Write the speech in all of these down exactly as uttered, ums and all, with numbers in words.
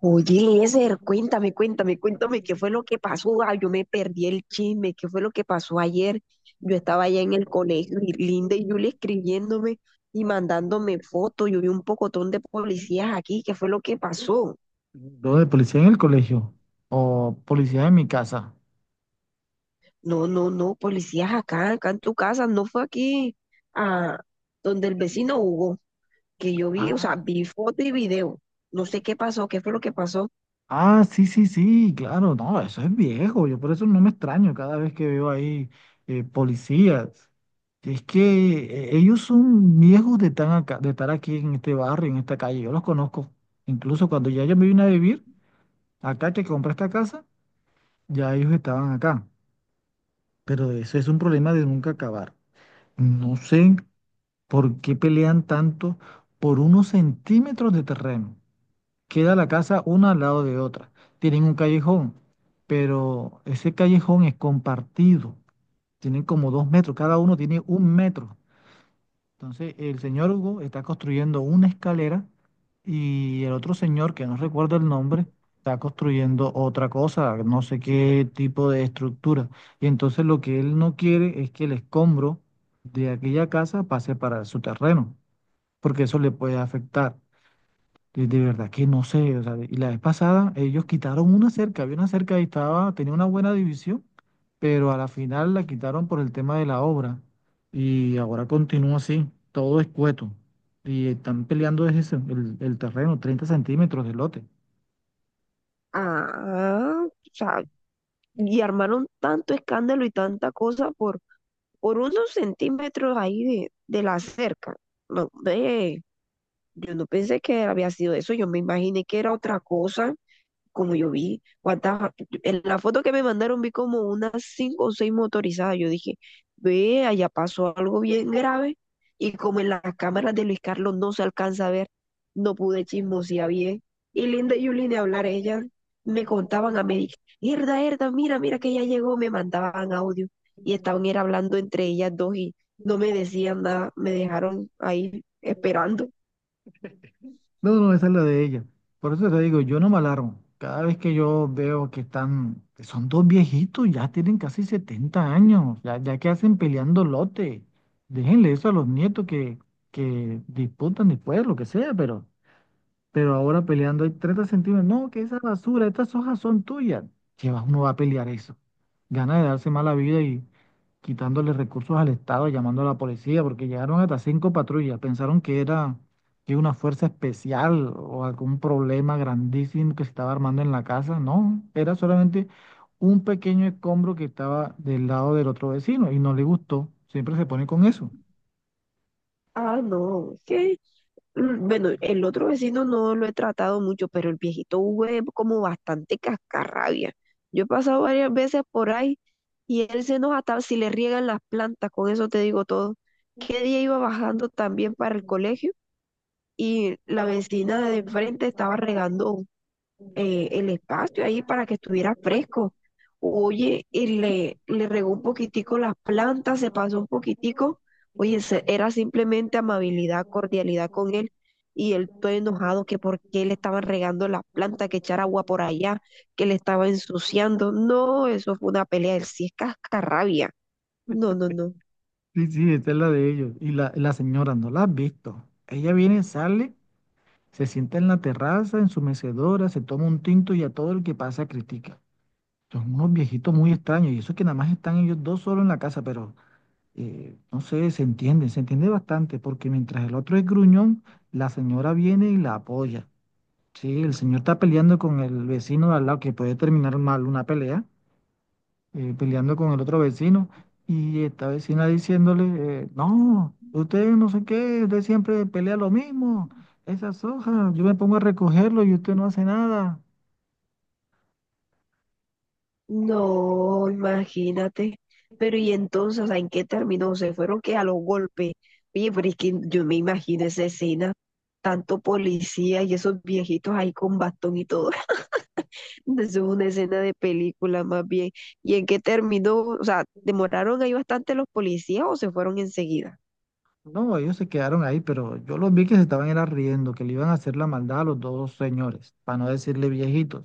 Oye, Eliezer, cuéntame, cuéntame, cuéntame qué fue lo que pasó. Ah, yo me perdí el chisme, qué fue lo que pasó ayer. Yo estaba allá en el colegio y Linda y Julia escribiéndome y mandándome fotos. Yo vi un pocotón de policías aquí, qué fue lo que pasó. ¿Lo de policía en el colegio? ¿O policía en mi casa? No, no, no, policías acá, acá en tu casa, no fue aquí a donde el vecino Hugo, que yo vi, o sea, Ah, vi foto y video. No sé qué pasó, qué fue lo que pasó. ah, sí, sí, sí, claro, no, eso es viejo, yo por eso no me extraño cada vez que veo ahí eh, policías. Es que eh, ellos son viejos de, tan acá- de estar aquí en este barrio, en esta calle, yo los conozco. Incluso cuando ya yo me vine a vivir, acá que compré esta casa, ya ellos estaban acá. Pero eso es un problema de nunca acabar. No sé. ¿Por qué pelean tanto por unos centímetros de terreno? Queda la casa una al lado de otra. Tienen un callejón, pero ese callejón es compartido. Tienen como dos metros, cada uno tiene un metro. Entonces, el señor Hugo está construyendo una escalera y el otro señor, que no recuerdo el nombre, está construyendo otra cosa, no sé qué tipo de estructura. Y entonces lo que él no quiere es que el escombro de aquella casa pase para su terreno porque eso le puede afectar. De, de verdad que no sé, o sea, y la vez pasada ellos quitaron una cerca, había una cerca y estaba, tenía una buena división, pero a la final la quitaron por el tema de la obra y ahora continúa así, todo escueto y están peleando es eso, el, el terreno, treinta centímetros de lote. Ah, o sea, y armaron tanto escándalo y tanta cosa por por unos centímetros ahí de, de la cerca. No, ve, yo no pensé que había sido eso, yo me imaginé que era otra cosa como yo vi, cuántas, en la foto que me mandaron vi como unas cinco o seis motorizadas. Yo dije, ve, allá pasó algo bien grave. Y como en las cámaras de Luis Carlos no se alcanza a ver, no pude chismosear bien. Y Linda y Yuli de hablar, ellas me contaban a mí, Herda, Herda, mira, mira que ya llegó, me mandaban audio. Y estaban era hablando entre ellas dos y no me decían nada, me dejaron ahí esperando. No, no, esa es la de ella. Por eso te digo, yo no me alarmo. Cada vez que yo veo que están, que son dos viejitos, ya tienen casi setenta años, ya, ya que hacen peleando lote. Déjenle eso a los nietos que, que disputan después, lo que sea, pero pero ahora peleando hay treinta centímetros. No, que esa basura, estas hojas son tuyas. Llevas, uno va a pelear eso. Gana de darse mala vida y quitándole recursos al Estado, llamando a la policía, porque llegaron hasta cinco patrullas. Pensaron que era que una fuerza especial o algún problema grandísimo que se estaba armando en la casa. No, era solamente un pequeño escombro que estaba del lado del otro vecino y no le gustó. Siempre se pone con eso. Ah, no, qué. Mm, bueno, el otro vecino no lo he tratado mucho, pero el viejito Hugo es como bastante cascarrabia. Yo he pasado varias veces por ahí y él se enoja hasta si le riegan las plantas, con eso te digo todo. ¿Qué día iba bajando también para el colegio? Y la vecina de enfrente estaba regando eh, el espacio ahí para que estuviera fresco. Oye, y le, le regó un poquitico las plantas, se pasó un poquitico. Oye, se- era simplemente amabilidad, cordialidad con él. Y él todo enojado que por qué le estaban regando las plantas, que echar agua por allá, que le estaba ensuciando. No, eso fue una pelea. Él sí es cascarrabia. No, no, no. Sí, sí, esta es la de ellos. Y la, la señora, ¿no la has visto? Ella viene, sale, se sienta en la terraza, en su mecedora, se toma un tinto y a todo el que pasa critica. Son unos viejitos muy extraños y eso que nada más están ellos dos solos en la casa, pero eh, no sé, se entiende, se entiende bastante, porque mientras el otro es gruñón, la señora viene y la apoya. Sí, el señor está peleando con el vecino de al lado, que puede terminar mal una pelea, eh, peleando con el otro vecino, y esta vecina diciéndole, eh, no, usted no sé qué, usted siempre pelea lo mismo, esas hojas, yo me pongo a recogerlo y usted no hace nada. No, imagínate. Pero y entonces, o sea, ¿en qué terminó? Se fueron que a los golpes. Oye, pero es que yo me imagino esa escena, tanto policía y esos viejitos ahí con bastón y todo. Eso es una escena de película más bien. ¿Y en qué terminó? O sea, ¿demoraron ahí bastante los policías o se fueron enseguida? No, ellos se quedaron ahí, pero yo los vi que se estaban era riendo, que le iban a hacer la maldad a los dos señores, para no decirle viejitos.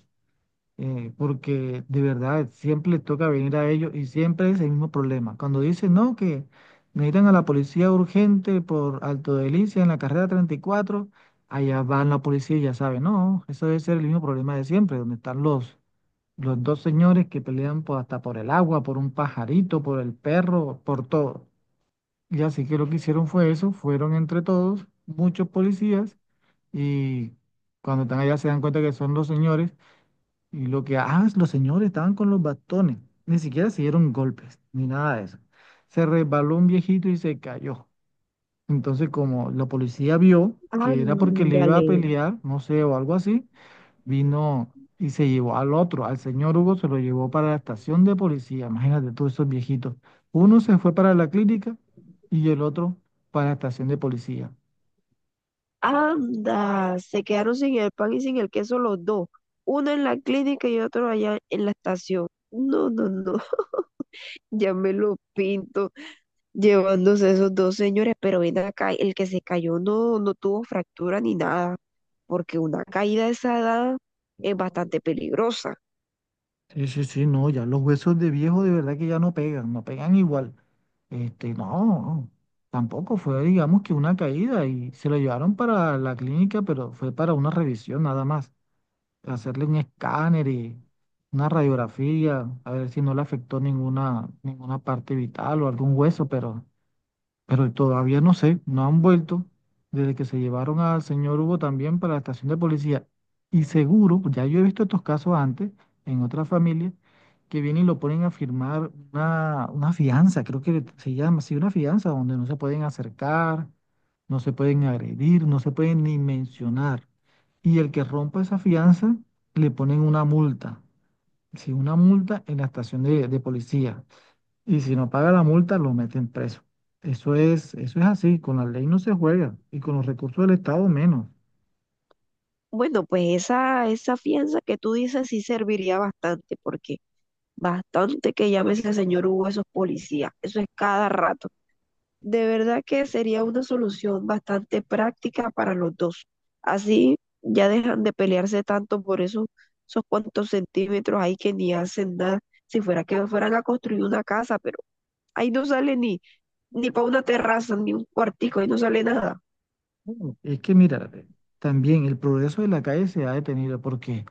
eh, Porque de verdad siempre les toca venir a ellos y siempre es el mismo problema. Cuando dicen no, que necesitan a la policía urgente por Alto Delicia en la carrera treinta y cuatro, allá van la policía y ya saben, no, eso debe ser el mismo problema de siempre, donde están los, los dos señores que pelean por, hasta por el agua, por un pajarito, por el perro, por todo. Y así que lo que hicieron fue eso, fueron entre todos, muchos policías, y cuando están allá se dan cuenta que son los señores y lo que, ah, los señores estaban con los bastones. Ni siquiera se dieron golpes, ni nada de eso. Se resbaló un viejito y se cayó. Entonces, como la policía vio que era porque le iba Ándale, a pelear, no sé, o algo así, vino y se llevó al otro, al señor Hugo, se lo llevó para la estación de policía. Imagínate todos esos viejitos. Uno se fue para la clínica y el otro para la estación de policía. anda, se quedaron sin el pan y sin el queso los dos, uno en la clínica y otro allá en la estación. No, no, no. Ya me lo pinto llevándose esos dos señores, pero ven acá, el que se cayó no, no tuvo fractura ni nada, porque una caída de esa edad es bastante peligrosa. Sí, sí, sí, no, ya los huesos de viejo de verdad que ya no pegan, no pegan igual. Este, no, tampoco fue, digamos que una caída y se lo llevaron para la clínica, pero fue para una revisión nada más, hacerle un escáner y una radiografía, a ver si no le afectó ninguna, ninguna parte vital o algún hueso, pero pero todavía no sé, no han vuelto desde que se llevaron al señor Hugo también para la estación de policía. Y seguro, ya yo he visto estos casos antes en otras familias, que vienen y lo ponen a firmar una, una fianza, creo que se llama así, una fianza donde no se pueden acercar, no se pueden agredir, no se pueden ni mencionar. Y el que rompa esa fianza, le ponen una multa, sí, una multa en la estación de de policía. Y si no paga la multa, lo meten preso. Eso es, eso es así, con la ley no se juega y con los recursos del Estado menos. Bueno, pues esa, esa fianza que tú dices sí serviría bastante, porque bastante que llame ese señor Hugo a esos policías, eso es cada rato. De verdad que sería una solución bastante práctica para los dos. Así ya dejan de pelearse tanto por eso, esos cuantos centímetros ahí que ni hacen nada. Si fuera que fueran a construir una casa, pero ahí no sale ni, ni para una terraza, ni un cuartico, ahí no sale nada. Bueno, es que mira, eh, también el progreso de la calle se ha detenido porque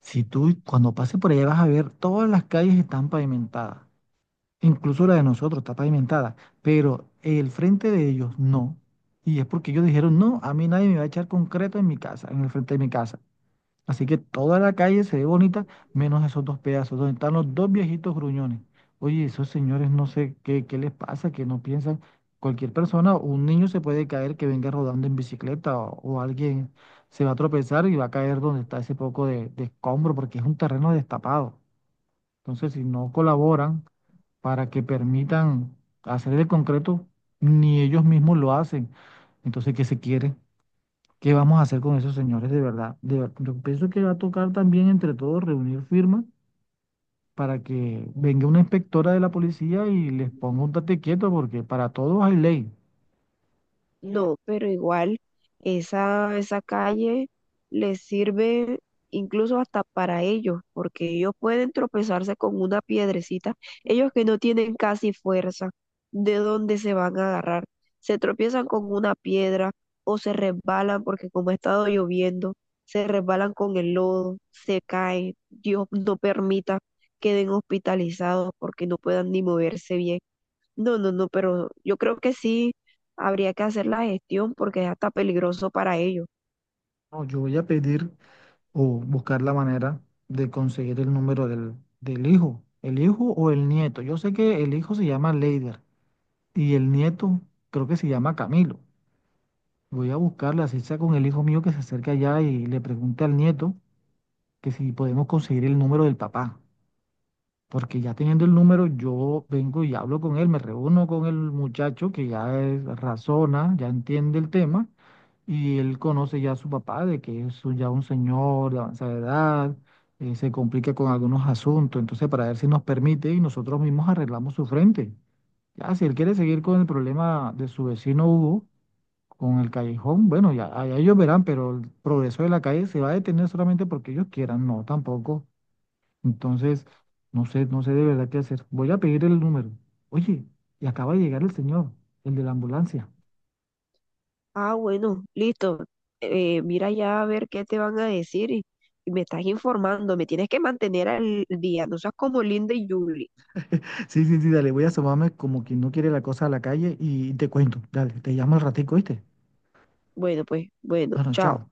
si tú cuando pases por allá vas a ver todas las calles están pavimentadas, incluso la de nosotros está pavimentada, pero el frente de ellos no. Y es porque ellos dijeron, no, a mí nadie me va a echar concreto en mi casa, en el frente de mi casa. Así que toda la calle se ve bonita, menos esos dos pedazos, donde están los dos viejitos gruñones. Oye, esos señores no sé qué, qué, les pasa, que no piensan. Cualquier persona, un niño se puede caer que venga rodando en bicicleta o, o alguien se va a tropezar y va a caer donde está ese poco de, de escombro, porque es un terreno destapado. Entonces, si no colaboran para que permitan hacer el concreto, ni ellos mismos lo hacen. Entonces, ¿qué se quiere? ¿Qué vamos a hacer con esos señores de verdad? De ver- yo pienso que va a tocar también entre todos reunir firmas para que venga una inspectora de la policía y les ponga un tate quieto porque para todos hay ley. No, pero igual esa, esa calle les sirve incluso hasta para ellos, porque ellos pueden tropezarse con una piedrecita. Ellos que no tienen casi fuerza, ¿de dónde se van a agarrar? Se tropiezan con una piedra o se resbalan porque como ha estado lloviendo, se resbalan con el lodo, se caen. Dios no permita queden hospitalizados porque no puedan ni moverse bien. No, no, no, pero yo creo que sí habría que hacer la gestión porque es hasta peligroso para ellos. No, yo voy a pedir o buscar la manera de conseguir el número del, del hijo, el hijo o el nieto. Yo sé que el hijo se llama Leider y el nieto creo que se llama Camilo. Voy a buscarle, así sea con el hijo mío que se acerca allá y le pregunte al nieto que si podemos conseguir el número del papá. Porque ya teniendo el número, yo vengo y hablo con él, me reúno con el muchacho que ya es- razona, ya entiende el tema, y él conoce ya a su papá, de que es un- ya un señor de avanzada edad, eh, se complica con algunos asuntos, entonces para ver si nos permite y nosotros mismos arreglamos su frente. Ya, si él quiere seguir con el problema de su vecino Hugo, con el callejón, bueno, ya, ya ellos verán, pero el progreso de la calle se va a detener solamente porque ellos quieran, no, tampoco. Entonces, no sé, no sé de verdad qué hacer. Voy a pedir el número. Oye, y acaba de llegar el señor, el de la ambulancia. Ah, bueno, listo. Eh, mira ya a ver qué te van a decir y, y me estás informando. Me tienes que mantener al día. No seas como Linda y Julie. Sí, sí, sí, dale, voy a asomarme como quien no quiere la cosa a la calle y te cuento. Dale, te llamo al ratico, ¿viste? Bueno, pues, bueno, Bueno, chao. chao.